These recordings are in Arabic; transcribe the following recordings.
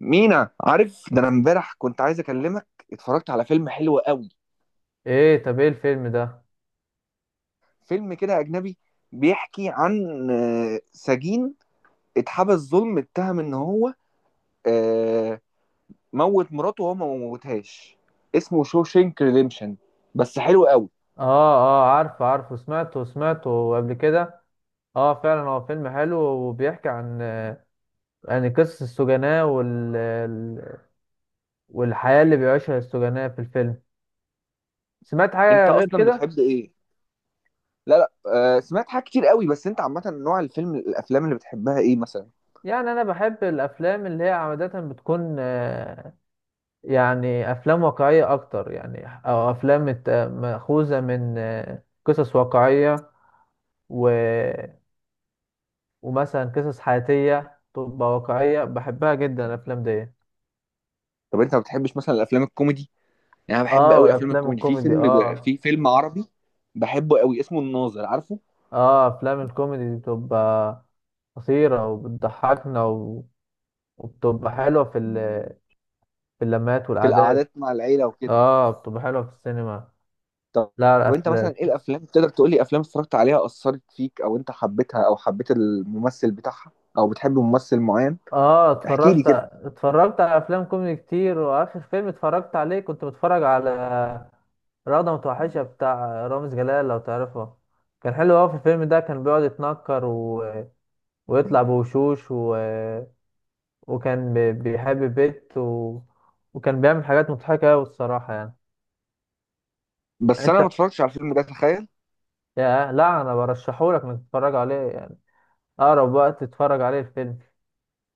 مينا، عارف ده، انا امبارح كنت عايز اكلمك. اتفرجت على فيلم حلو قوي. ايه؟ طب ايه الفيلم ده؟ فيلم كده اجنبي. بيحكي عن سجين اتحبس ظلم، اتهم ان هو آه، موت مراته وهو ما موتهاش. اسمه شوشينك ريديمشن، بس حلو قوي. اه، اه، عارفه، سمعته قبل كده. اه فعلا هو فيلم حلو وبيحكي عن يعني قصص السجناء والحياة اللي بيعيشها السجناء في الفيلم. سمعت انت حاجة غير اصلا كده؟ بتحب ايه؟ لا لا. سمعت حاجات كتير قوي، بس انت عامه نوع الافلام اللي بتحبها ايه مثلا؟ يعني انا بحب الافلام اللي هي عادة بتكون يعني افلام واقعية اكتر، يعني، او افلام مأخوذة من قصص واقعية و... ومثلا قصص حياتية تبقى واقعية، بحبها جدا الافلام دي. طب انت ما بتحبش مثلا الافلام الكوميدي؟ يعني انا بحب اه، قوي افلام والافلام الكوميدي. الكوميدي، اه. في فيلم عربي بحبه قوي، اسمه الناظر، عارفه؟ اه افلام الكوميدي دي بتبقى قصيرة وبتضحكنا وبتبقى حلوة في في اللمات في والعادات. القعدات مع العيلة وكده. اه بتبقى حلوة في السينما. طب لا وانت مثلا الافلام. ايه الافلام؟ تقدر تقول لي افلام اتفرجت عليها اثرت فيك، او انت حبيتها، او حبيت الممثل بتاعها؟ او بتحب ممثل معين؟ اه احكي لي اتفرجت كده. اتفرجت على افلام كوميدي كتير، واخر فيلم اتفرجت عليه كنت بتفرج على رغدة متوحشة بتاع رامز جلال، لو تعرفه. كان حلو اوي. في الفيلم ده كان بيقعد يتنكر ويطلع بوشوش وكان بيحب بيت وكان بيعمل حاجات مضحكة أوي الصراحة يعني. يعني بس انا ما انت، اتفرجتش على الفيلم ده، تخيل. يا لا، انا برشحهولك انك تتفرج عليه، يعني اقرب وقت تتفرج عليه الفيلم.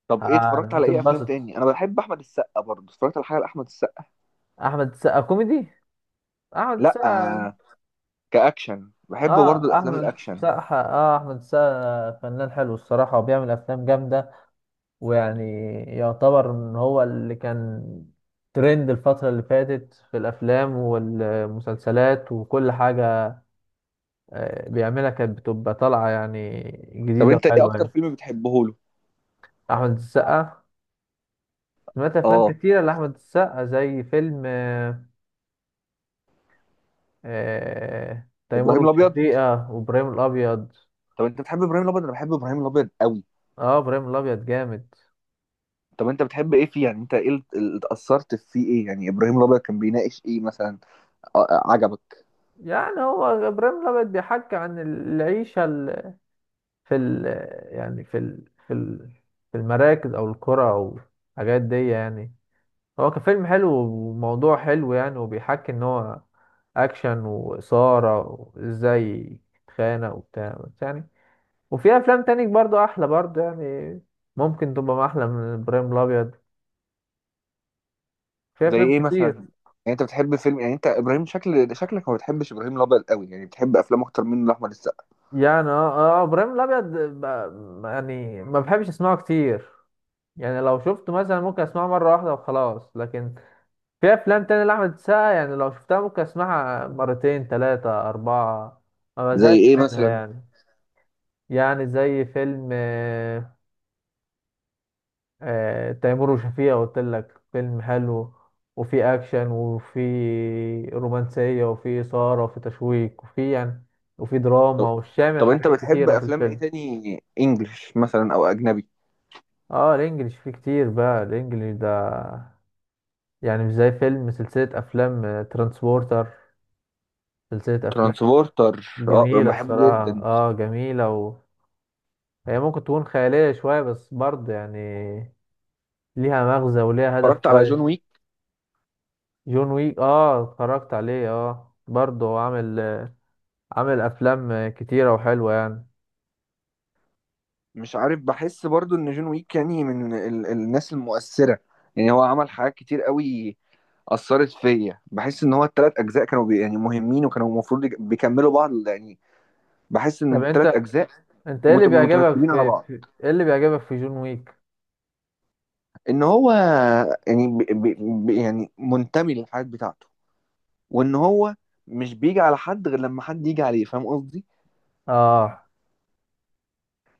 طب ايه اتفرجت على ايه افلام هتتبسط. تاني؟ انا بحب احمد السقا، برضه اتفرجت على حاجه لاحمد السقا. احمد السقا كوميدي؟ احمد لا السقا؟ كاكشن، بحب برضه اه الافلام احمد الاكشن. السقا. اه احمد السقا فنان حلو الصراحة، وبيعمل افلام جامدة، ويعني يعتبر ان هو اللي كان ترند الفترة اللي فاتت في الافلام والمسلسلات وكل حاجة بيعملها كانت بتبقى طالعة، يعني طب جديدة انت ايه وحلوة اكتر يعني. فيلم بتحبه له؟ أحمد السقا، سمعت أفلام اه، كتيرة لأحمد السقا زي فيلم تيمور ابراهيم الابيض. وشفيقة وإبراهيم الأبيض. طب انت بتحب ابراهيم الابيض؟ انا بحب ابراهيم الابيض قوي. اه إبراهيم الأبيض جامد. طب انت بتحب ايه فيه؟ يعني انت ايه اللي اتأثرت فيه؟ ايه يعني ابراهيم الابيض كان بيناقش ايه مثلا؟ عجبك؟ يعني هو إبراهيم الأبيض بيحكي عن العيشة في ال، يعني في ال، في المراكز أو القرى أو الحاجات دي يعني. هو كفيلم حلو وموضوع حلو يعني، وبيحكي ان هو اكشن واثاره، وازاي تتخانق وبتاع بس يعني. وفي افلام تاني برضو احلى برضو يعني، ممكن تبقى احلى من ابراهيم الابيض، في زي افلام ايه مثلا كتير. يعني؟ انت بتحب فيلم؟ يعني انت ابراهيم، شكلك ما بتحبش ابراهيم الابيض قوي، يعني بتحب افلام اكتر منه لاحمد السقا. يعني اه، اه، ابراهيم الابيض يعني ما بحبش اسمعه كتير، يعني لو شفته مثلا ممكن اسمعه مره واحده وخلاص، لكن في افلام تاني لاحمد السقا يعني لو شفتها ممكن اسمعها مرتين ثلاثه اربعه، ما زي بزهقش ايه منها مثلا؟ يعني. يعني زي فيلم تيمور وشفيقة، قلت لك فيلم حلو، وفي اكشن وفي رومانسية وفي إثارة وفي تشويق وفي يعني وفي دراما، طب, وشامل طب انت حاجات بتحب كتيرة في افلام ايه الفيلم. تاني؟ انجلش مثلا او اجنبي؟ اه الانجليش فيه كتير بقى، الانجليش ده، يعني مش زي فيلم، سلسلة افلام ترانسبورتر. سلسلة افلام ترانسبورتر، اه، انا جميلة بحبه الصراحة، جدا. اه جميلة هي ممكن تكون خيالية شوية بس برضه يعني، ليها مغزى وليها هدف اتفرجت على كويس. جون ويك؟ جون ويك اه اتفرجت عليه. اه برضه هو عامل، عامل افلام كتيرة وحلوة يعني. مش عارف، بحس برضو ان جون ويك يعني من الناس المؤثرة. يعني هو عمل حاجات كتير قوي اثرت فيا. بحس ان هو الثلاث اجزاء كانوا يعني مهمين، وكانوا المفروض بيكملوا بعض يعني. بحس ان طب انت، الثلاث اجزاء انت ايه اللي بيعجبك مترتبين على في, بعض. في ايه اللي بيعجبك في جون ويك؟ ان هو يعني يعني منتمي للحياة بتاعته، وان هو مش بيجي على حد غير لما حد يجي عليه، فاهم قصدي؟ اه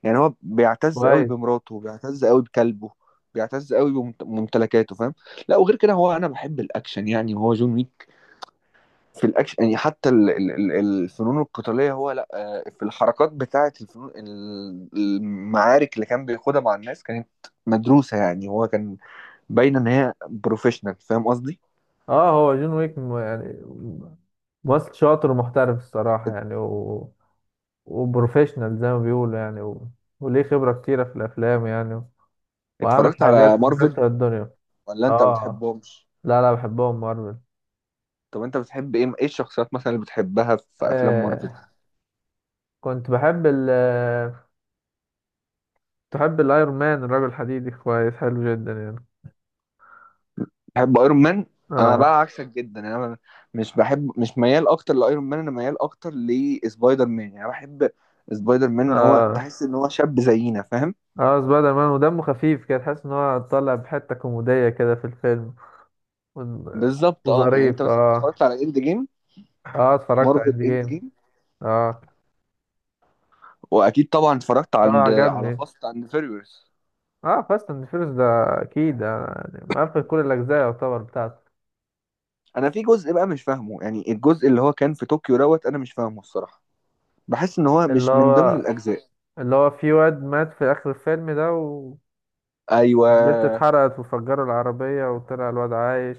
يعني هو بيعتز قوي كويس. بمراته، بيعتز قوي بكلبه، بيعتز قوي بممتلكاته، فاهم؟ لا، وغير كده هو انا بحب الاكشن، يعني وهو جون ويك في الاكشن. يعني حتى الفنون القتاليه، هو لا في الحركات بتاعه، الفنون المعارك اللي كان بياخدها مع الناس كانت مدروسه. يعني هو كان باين ان هي بروفيشنال، فاهم قصدي؟ اه هو جون ويك يعني ممثل شاطر ومحترف الصراحة يعني وبروفيشنال زي ما بيقولوا يعني وليه خبرة كتيرة في الافلام يعني، وعامل اتفرجت على حاجات مارفل؟ مكسرة الدنيا. ولا انت اه. بتحبهمش؟ لا، لا بحبهم مارفل. طب انت بتحب ايه الشخصيات مثلا اللي بتحبها في افلام مارفل؟ آه كنت بحب ال، تحب الايرون مان الرجل الحديدي، كويس حلو جدا يعني. بحب ايرون مان. انا اه، بقى عكسك جدا، يعني انا مش ميال اكتر لايرون مان، انا ميال اكتر لسبايدر مان، يعني أنا بحب سبايدر مان. ان هو اه، تحس ان هو شاب زينا، فاهم؟ اه سبايدر مان ودمه خفيف كده، تحس ان هو طالع بحته كوميديه كده في الفيلم و- بالظبط، اه، يعني انت وظريف مثلا اه. اتفرجت على اند جيم؟ اه اتفرجت على مارفل اند اند جيم. جيم. اه، واكيد طبعا اتفرجت اه على عجبني. فاست اند فيريوس. اه فاست اند فيرس ده اكيد يعني مقفل كل الاجزاء يعتبر بتاعته. انا في جزء بقى مش فاهمه يعني، الجزء اللي هو كان في طوكيو دوت، انا مش فاهمه الصراحه. بحس ان هو اللي مش من ضمن هو، الاجزاء. اللي هو في واد مات في اخر الفيلم ده والبت ايوه اتحرقت وفجروا العربيه وطلع الواد عايش.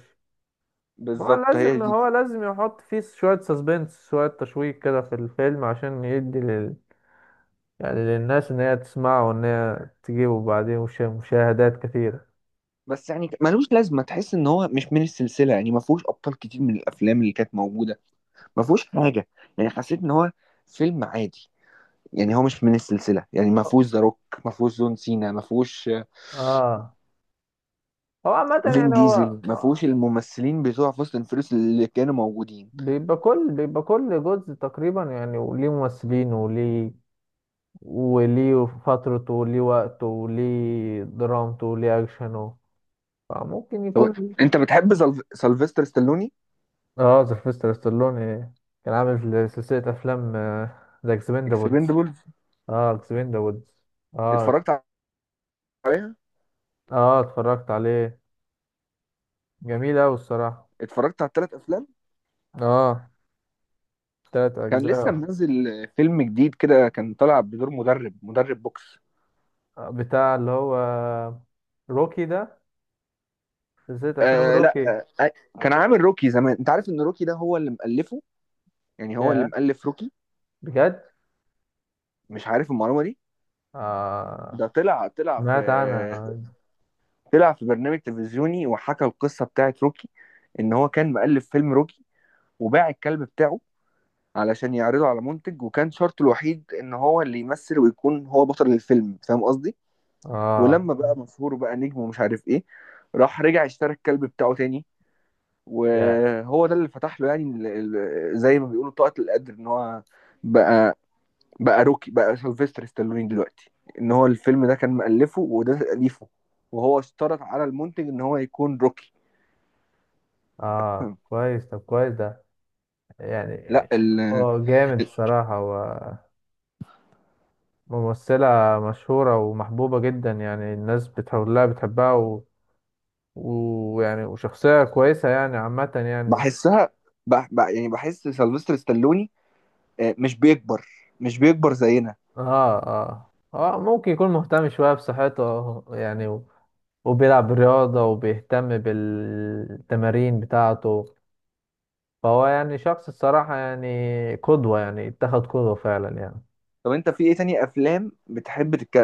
ما هو بالظبط، هي لازم، دي. هو لازم يحط فيه شوية سسبنس، شوية تشويق كده في الفيلم عشان يدي يعني للناس إن هي تسمعه وإن هي تجيبه بعدين مشاهدات كثيرة. بس يعني ملوش لازمه. تحس ان هو مش من السلسله، يعني ما فيهوش ابطال كتير من الافلام اللي كانت موجوده، ما فيهوش حاجه. يعني حسيت ان هو فيلم عادي. يعني هو مش من السلسله، يعني ما فيهوش ذا روك، ما فيهوش جون سينا، ما فيهوش آه هو عامة فين يعني، هو ديزل، ما فيهوش الممثلين بتوع فاست اند فيريوس اللي كانوا موجودين. بيبقى كل جزء تقريبا يعني، وليه ممثلين وليه، وليه فترته وليه وقته وليه درامته وليه أكشنه، فممكن طب يكون. انت بتحب سلفستر ستالوني؟ اه سيلفستر ستالوني كان عامل سلسلة أفلام ذا اكسبندابلز. اكسبندبل، اه اكسبين ذا وودز اه. اتفرجت عليها. اه اتفرجت عليه. جميل اوي الصراحة. اتفرجت على الثلاث افلام. اه تلات كان لسه اجزاء. منزل فيلم جديد كده، كان طالع بدور مدرب بوكس. بتاع اللي هو روكي ده، سلسلة افلام آه، لا، روكي. آه، كان عامل روكي زمان. انت عارف ان روكي ده هو اللي مؤلفه؟ يعني هو اللي يا، مؤلف روكي. بجد؟ مش عارف المعلومة دي. اه ده طلع طلع في سمعت عنها. طلع في برنامج تلفزيوني، وحكى القصة بتاعت روكي. ان هو كان مؤلف فيلم روكي، وباع الكلب بتاعه علشان يعرضه على منتج، وكان شرطه الوحيد ان هو اللي يمثل ويكون هو بطل الفيلم، فاهم قصدي؟ اه، ولما بقى مشهور، بقى نجم ومش عارف ايه، راح رجع اشترى الكلب بتاعه تاني. يا، وهو ده اللي فتح له، يعني زي ما بيقولوا طاقة القدر، ان هو بقى بقى روكي، بقى سيلفستر ستالوني دلوقتي. ان هو الفيلم ده كان مؤلفه وده تأليفه، وهو اشترط على المنتج ان هو يكون روكي. اه كويس، طب كويس ده، لا يعني هو جامد الصراحة، وممثلة مشهورة ومحبوبة جدا يعني، الناس بتحولها بتحبها ويعني وشخصية كويسة يعني عامة يعني. بحسها، يعني بحس سيلفستر ستالوني مش بيكبر، مش بيكبر زينا. اه، اه، اه ممكن يكون مهتم شوية بصحته يعني وبيلعب رياضة وبيهتم بالتمارين بتاعته، فهو يعني شخص الصراحة يعني قدوة، يعني اتخذ قدوة فعلا يعني. طب انت في ايه تاني افلام بتحب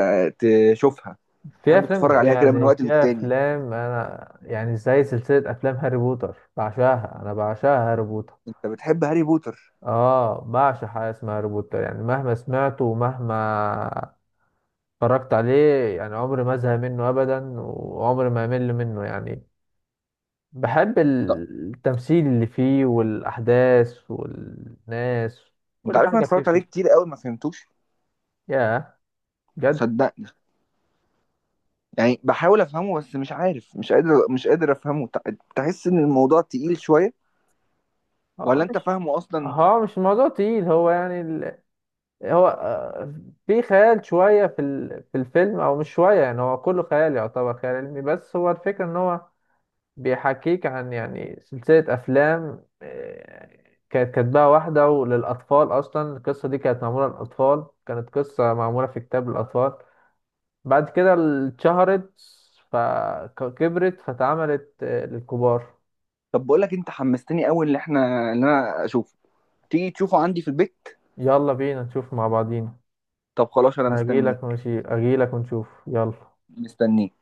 تشوفها، في تحب تتفرج أفلام عليها كده من يعني، وقت في للتاني؟ أفلام أنا يعني زي سلسلة أفلام هاري بوتر، بعشاها أنا، بعشاها هاري بوتر. انت بتحب هاري بوتر؟ اه بعشق حاجة اسمها هاري بوتر، يعني مهما سمعته ومهما اتفرجت عليه يعني عمري ما ازهق منه أبدا، وعمري ما أمل منه يعني. بحب طب التمثيل اللي فيه والأحداث والناس، انت كل عارف انا حاجة فيه اتفرجت عليه بتبقى. كتير قوي، ما فهمتوش، يا بجد؟ صدقني. يعني بحاول افهمه بس مش عارف، مش قادر افهمه. تحس ان الموضوع تقيل شويه. ولا هو انت مش فاهمه اصلا؟ هو مش الموضوع تقيل، هو يعني هو في خيال شوية في في الفيلم، أو مش شوية يعني، هو كله خيال يعتبر، خيال علمي. بس هو الفكرة إن هو بيحكيك عن، يعني سلسلة أفلام كانت كاتباها واحدة وللأطفال. أصلا القصة دي كانت معمولة للأطفال، كانت قصة معمولة في كتاب للأطفال. بعد كده اتشهرت فكبرت فتعملت للكبار. طب بقول لك انت حمستني قوي. اللي انا اشوفه، تيجي تشوفه عندي في البيت؟ يلا بينا نشوف مع بعضينا. طب خلاص، انا انا اجيلك، مستنيك. ماشي اجيلك ونشوف يلا. مستنيك.